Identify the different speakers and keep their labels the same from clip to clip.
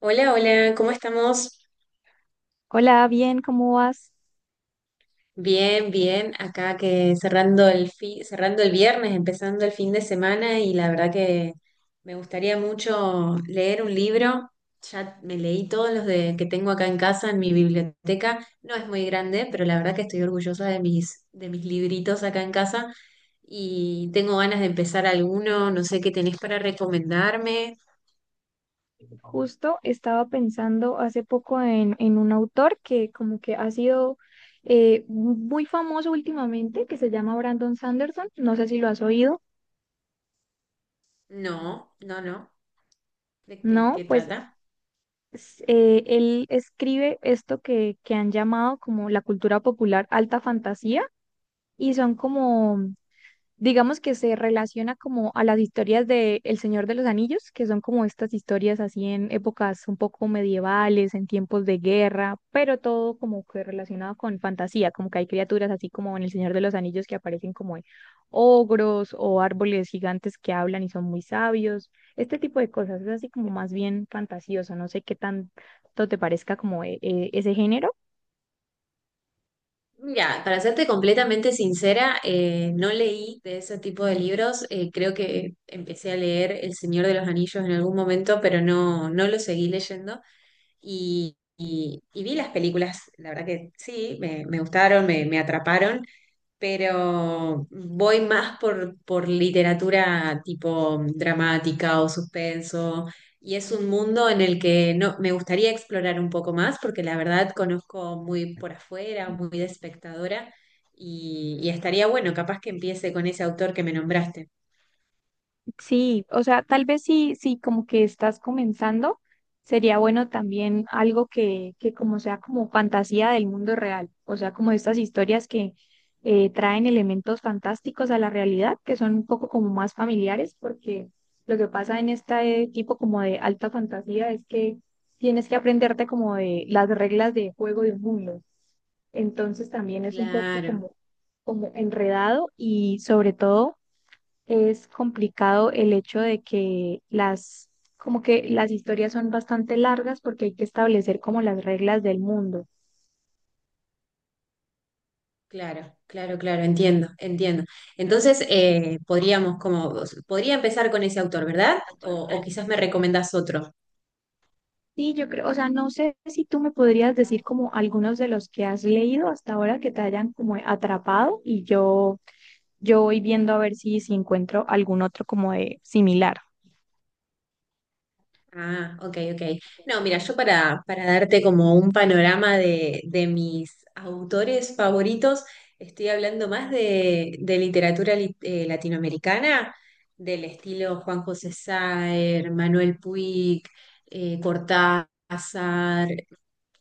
Speaker 1: Hola, hola, ¿cómo estamos?
Speaker 2: Hola, bien, ¿cómo vas?
Speaker 1: Bien, bien, acá que cerrando el cerrando el viernes, empezando el fin de semana y la verdad que me gustaría mucho leer un libro. Ya me leí todos los de que tengo acá en casa en mi biblioteca. No es muy grande, pero la verdad que estoy orgullosa de mis libritos acá en casa y tengo ganas de empezar alguno, no sé qué tenés para recomendarme.
Speaker 2: Justo estaba pensando hace poco en un autor que como que ha sido muy famoso últimamente, que se llama Brandon Sanderson. No sé si lo has oído.
Speaker 1: No, no, no. ¿De qué, qué
Speaker 2: No, pues
Speaker 1: trata?
Speaker 2: él escribe esto que han llamado como la cultura popular alta fantasía y son como digamos que se relaciona como a las historias de El Señor de los Anillos, que son como estas historias así en épocas un poco medievales, en tiempos de guerra, pero todo como que relacionado con fantasía, como que hay criaturas así como en El Señor de los Anillos que aparecen como ogros o árboles gigantes que hablan y son muy sabios, este tipo de cosas, es así como más bien fantasioso, no sé qué tanto te parezca como ese género.
Speaker 1: Mira, para serte completamente sincera, no leí de ese tipo de libros. Creo que empecé a leer El Señor de los Anillos en algún momento, pero no, no lo seguí leyendo. Y vi las películas, la verdad que sí, me gustaron, me atraparon, pero voy más por literatura tipo dramática o suspenso, y es un mundo en el que no, me gustaría explorar un poco más, porque la verdad conozco muy por afuera, muy de espectadora, y estaría bueno, capaz que empiece con ese autor que me nombraste.
Speaker 2: Sí, o sea, tal vez sí, sí, como que estás comenzando, sería bueno también algo que como sea como fantasía del mundo real, o sea, como estas historias que traen elementos fantásticos a la realidad, que son un poco como más familiares, porque lo que pasa en este tipo como de alta fantasía es que tienes que aprenderte como de las reglas de juego de un mundo. Entonces también es un poco
Speaker 1: Claro,
Speaker 2: como, como enredado y sobre todo es complicado el hecho de que las, como que las historias son bastante largas porque hay que establecer como las reglas del mundo.
Speaker 1: claro, claro, claro, entiendo, entiendo. Entonces, podría empezar con ese autor, ¿verdad? O quizás me recomendás otro.
Speaker 2: Sí, yo creo, o sea, no sé si tú me podrías decir como algunos de los que has leído hasta ahora que te hayan como atrapado y yo voy viendo a ver si encuentro algún otro como de similar.
Speaker 1: Ah, ok, ok. No, mira, yo para darte como un panorama de mis autores favoritos, estoy hablando más de literatura latinoamericana, del estilo Juan José Saer, Manuel Puig, Cortázar.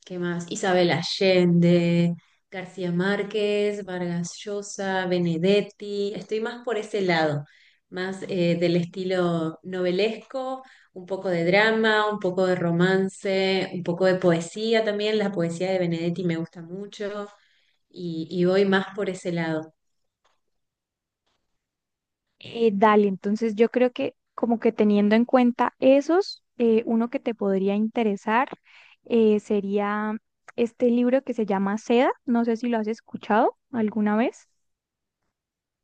Speaker 1: ¿Qué más? Isabel Allende, García Márquez, Vargas Llosa, Benedetti. Estoy más por ese lado, más del estilo novelesco, un poco de drama, un poco de romance, un poco de poesía también. La poesía de Benedetti me gusta mucho y voy más por ese lado.
Speaker 2: Dale, entonces yo creo que como que teniendo en cuenta esos, uno que te podría interesar sería este libro que se llama Seda, no sé si lo has escuchado alguna vez.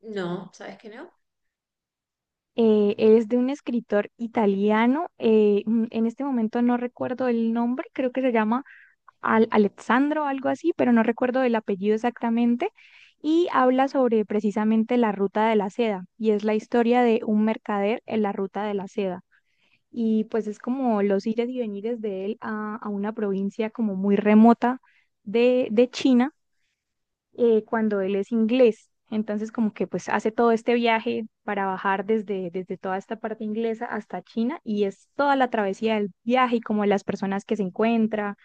Speaker 1: No, ¿sabes qué? No.
Speaker 2: Es de un escritor italiano, en este momento no recuerdo el nombre, creo que se llama Al Alessandro o algo así, pero no recuerdo el apellido exactamente, y habla sobre precisamente la ruta de la seda, y es la historia de un mercader en la ruta de la seda. Y pues es como los ires y venires de él a una provincia como muy remota de China cuando él es inglés. Entonces como que pues hace todo este viaje para bajar desde toda esta parte inglesa hasta China y es toda la travesía del viaje y como las personas que se encuentra.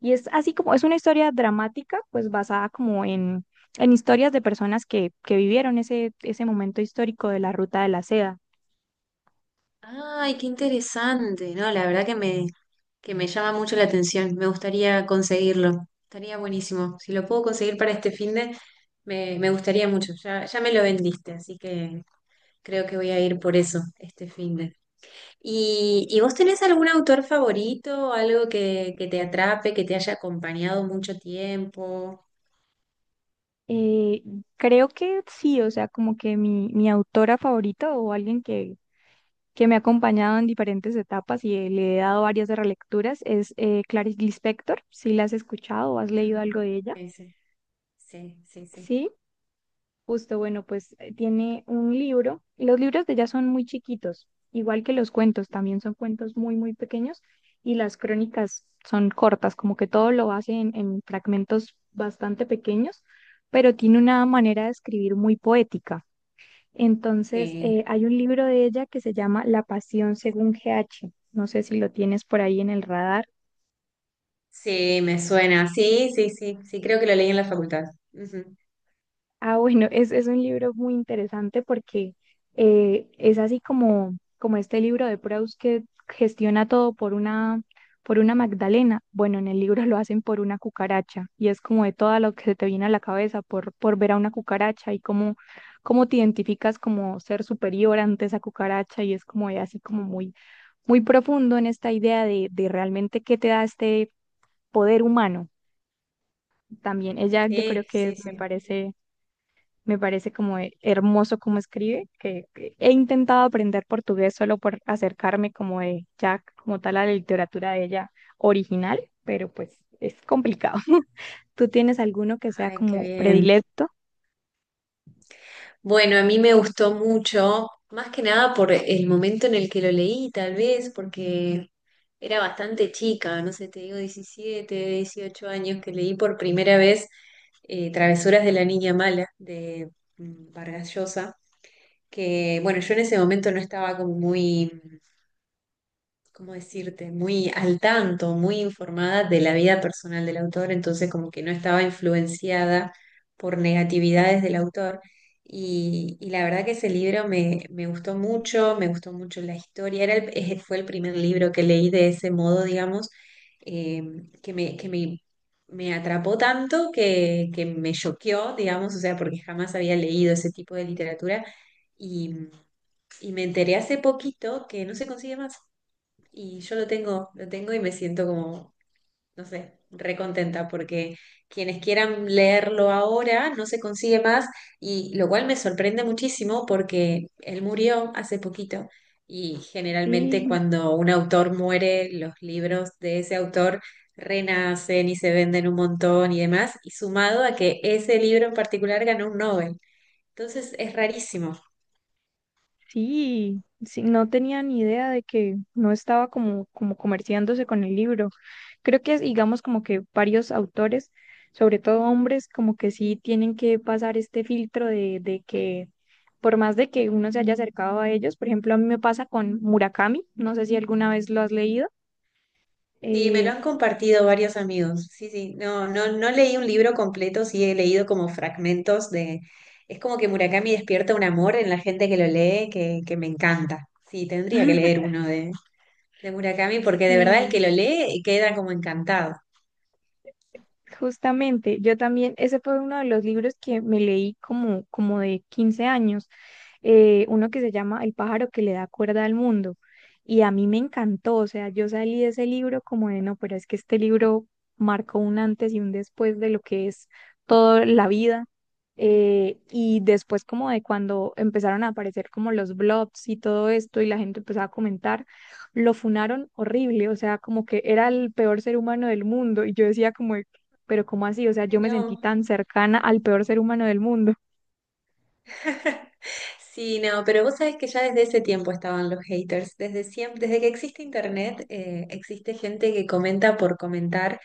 Speaker 2: Y es así como, es una historia dramática pues basada como en historias de personas que vivieron ese momento histórico de la Ruta de la Seda.
Speaker 1: Ay, qué interesante. No, la verdad que que me llama mucho la atención. Me gustaría conseguirlo. Estaría buenísimo. Si lo puedo conseguir para este fin. Me gustaría mucho, ya, ya me lo vendiste, así que creo que voy a ir por eso este fin de. ¿Y, vos tenés algún autor favorito, algo que te atrape, que te haya acompañado mucho tiempo?
Speaker 2: Eh, Creo que sí, o sea, como que mi autora favorita o alguien que me ha acompañado en diferentes etapas y le he dado varias relecturas es Clarice Lispector. Si la has escuchado o has leído
Speaker 1: Ah,
Speaker 2: algo de ella.
Speaker 1: ese. Sí, sí, sí.
Speaker 2: Sí, justo, bueno, pues tiene un libro. Los libros de ella son muy chiquitos, igual que los cuentos, también son cuentos muy pequeños y las crónicas son cortas, como que todo lo hace en fragmentos bastante pequeños, pero tiene una manera de escribir muy poética. Entonces,
Speaker 1: Sí,
Speaker 2: hay un libro de ella que se llama La Pasión según GH. No sé si lo tienes por ahí en el radar.
Speaker 1: sí, me suena. Sí, sí, sí, sí, creo que lo leí en la facultad. Ujú.
Speaker 2: Ah, bueno, es un libro muy interesante porque es así como, como este libro de Proust que gestiona todo por una Magdalena. Bueno, en el libro lo hacen por una cucaracha y es como de todo lo que se te viene a la cabeza por ver a una cucaracha y cómo te identificas como ser superior ante esa cucaracha y es como de así como muy muy profundo en esta idea de realmente qué te da este poder humano también. Ella yo creo
Speaker 1: Sí,
Speaker 2: que
Speaker 1: sí, sí.
Speaker 2: me parece como hermoso como escribe, que he intentado aprender portugués solo por acercarme como de ya como tal a la literatura de ella original, pero pues es complicado. ¿Tú tienes alguno que sea
Speaker 1: Ay, qué
Speaker 2: como
Speaker 1: bien.
Speaker 2: predilecto?
Speaker 1: Bueno, a mí me gustó mucho, más que nada por el momento en el que lo leí, tal vez, porque era bastante chica, no sé, te digo 17, 18 años, que leí por primera vez Travesuras de la Niña Mala de Vargas Llosa, que bueno, yo en ese momento no estaba como muy... ¿Cómo decirte? Muy al tanto, muy informada de la vida personal del autor, entonces como que no estaba influenciada por negatividades del autor. Y la verdad que ese libro me gustó mucho la historia, era fue el primer libro que leí de ese modo, digamos, eh, que me, que me, me atrapó tanto que me choqueó, digamos, o sea, porque jamás había leído ese tipo de literatura y, y me enteré hace poquito que no se consigue más. Y yo lo tengo y me siento como, no sé, recontenta porque quienes quieran leerlo ahora no se consigue más y lo cual me sorprende muchísimo porque él murió hace poquito y generalmente
Speaker 2: Sí,
Speaker 1: cuando un autor muere, los libros de ese autor renacen y se venden un montón y demás, y sumado a que ese libro en particular ganó un Nobel. Entonces es rarísimo.
Speaker 2: sí, sí, no tenía ni idea de que no estaba como, como comerciándose con el libro. Creo que, digamos, como que varios autores, sobre todo hombres, como que sí tienen que pasar este filtro de que, por más de que uno se haya acercado a ellos, por ejemplo, a mí me pasa con Murakami, no sé si alguna vez lo has leído.
Speaker 1: Sí, me lo
Speaker 2: Eh,
Speaker 1: han compartido varios amigos. Sí, sí, no, no, no leí un libro completo, sí he leído como fragmentos de... Es como que Murakami despierta un amor en la gente que lo lee que me encanta. Sí, tendría que leer uno de Murakami porque de verdad el que
Speaker 2: sí,
Speaker 1: lo lee queda como encantado.
Speaker 2: justamente, yo también, ese fue uno de los libros que me leí como de 15 años, uno que se llama El pájaro que le da cuerda al mundo, y a mí me encantó, o sea, yo salí de ese libro como de, no, pero es que este libro marcó un antes y un después de lo que es toda la vida, y después como de cuando empezaron a aparecer como los blogs y todo esto, y la gente empezaba a comentar, lo funaron horrible, o sea, como que era el peor ser humano del mundo, y yo decía como, pero ¿cómo así? O sea,
Speaker 1: Ay,
Speaker 2: yo me sentí
Speaker 1: no.
Speaker 2: tan cercana al peor ser humano del mundo.
Speaker 1: Sí, no, pero vos sabés que ya desde ese tiempo estaban los haters. Desde siempre, desde que existe internet, existe gente que comenta por comentar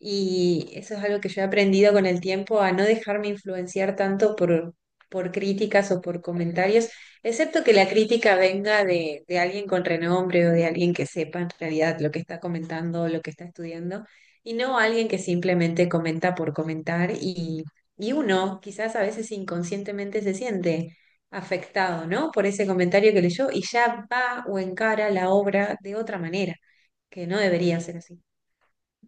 Speaker 1: y eso es algo que yo he aprendido con el tiempo a no dejarme influenciar tanto por críticas o por comentarios, excepto que la crítica venga de alguien con renombre o de alguien que sepa en realidad lo que está comentando, lo que está estudiando, y no alguien que simplemente comenta por comentar y uno quizás a veces inconscientemente se siente afectado, ¿no? Por ese comentario que leyó y ya va o encara la obra de otra manera, que no debería ser así.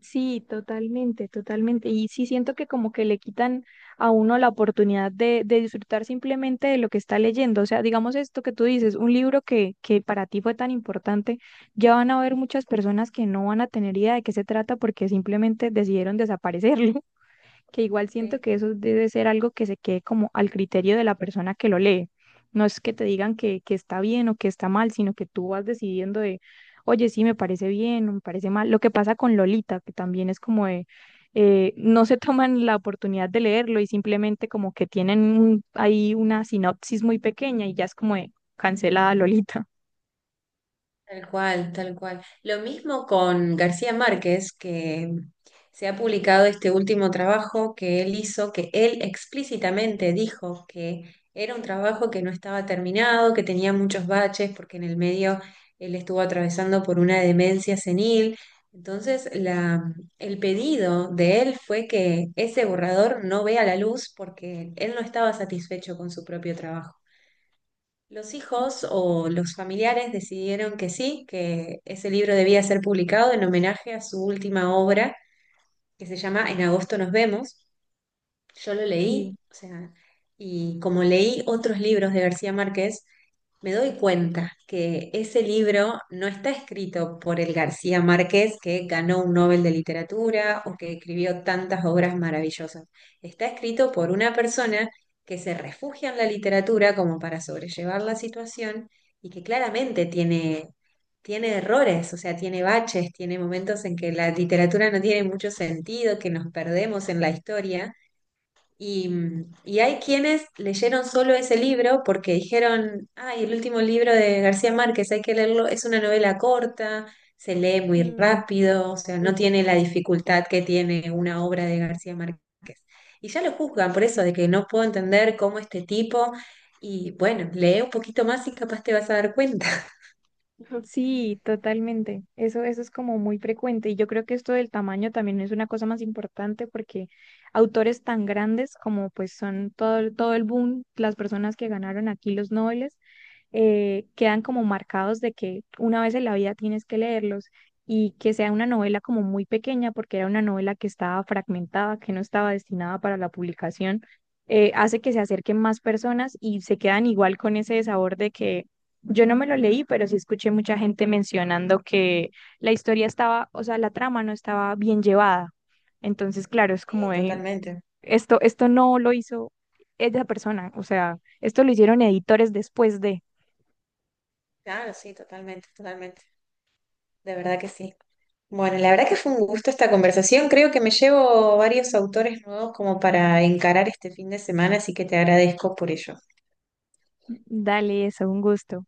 Speaker 2: Sí, totalmente, totalmente. Y sí siento que como que le quitan a uno la oportunidad de disfrutar simplemente de lo que está leyendo. O sea, digamos esto que tú dices, un libro que para ti fue tan importante, ya van a haber muchas personas que no van a tener idea de qué se trata porque simplemente decidieron desaparecerlo. Que igual siento
Speaker 1: Sí.
Speaker 2: que eso debe ser algo que se quede como al criterio de la persona que lo lee. No es que te digan que está bien o que está mal, sino que tú vas decidiendo de, oye, sí, me parece bien o me parece mal. Lo que pasa con Lolita, que también es como de, no se toman la oportunidad de leerlo y simplemente como que tienen ahí una sinopsis muy pequeña y ya es como de cancelada Lolita.
Speaker 1: Tal cual, tal cual. Lo mismo con García Márquez, que se ha publicado este último trabajo que él hizo, que él explícitamente dijo que era un trabajo que no estaba terminado, que tenía muchos baches, porque en el medio él estuvo atravesando por una demencia senil. Entonces, el pedido de él fue que ese borrador no vea la luz porque él no estaba satisfecho con su propio trabajo. Los hijos o los familiares decidieron que sí, que ese libro debía ser publicado en homenaje a su última obra, que se llama En agosto nos vemos. Yo lo
Speaker 2: Sí.
Speaker 1: leí, o sea, y como leí otros libros de García Márquez, me doy cuenta que ese libro no está escrito por el García Márquez que ganó un Nobel de Literatura o que escribió tantas obras maravillosas. Está escrito por una persona que se refugia en la literatura como para sobrellevar la situación y que claramente tiene errores, o sea, tiene baches, tiene momentos en que la literatura no tiene mucho sentido, que nos perdemos en la historia y, y hay quienes leyeron solo ese libro porque dijeron, ay, el último libro de García Márquez, hay que leerlo, es una novela corta, se lee muy
Speaker 2: Mm,
Speaker 1: rápido, o sea, no
Speaker 2: justo.
Speaker 1: tiene la dificultad que tiene una obra de García Márquez. Y ya lo juzgan por eso, de que no puedo entender cómo este tipo, y bueno, lee un poquito más y capaz te vas a dar cuenta.
Speaker 2: Sí, totalmente. Eso es como muy frecuente. Y yo creo que esto del tamaño también es una cosa más importante porque autores tan grandes como pues son todo, todo el boom, las personas que ganaron aquí los Nobel, quedan como marcados de que una vez en la vida tienes que leerlos y que sea una novela como muy pequeña, porque era una novela que estaba fragmentada, que no estaba destinada para la publicación, hace que se acerquen más personas y se quedan igual con ese sabor de que yo no me lo leí, pero sí escuché mucha gente mencionando que la historia estaba, o sea, la trama no estaba bien llevada. Entonces, claro, es
Speaker 1: Sí,
Speaker 2: como de,
Speaker 1: totalmente.
Speaker 2: esto no lo hizo esa persona, o sea, esto lo hicieron editores después de...
Speaker 1: Claro, sí, totalmente, totalmente. De verdad que sí. Bueno, la verdad que fue un gusto esta conversación. Creo que me llevo varios autores nuevos como para encarar este fin de semana, así que te agradezco por ello.
Speaker 2: Dale, eso, un gusto.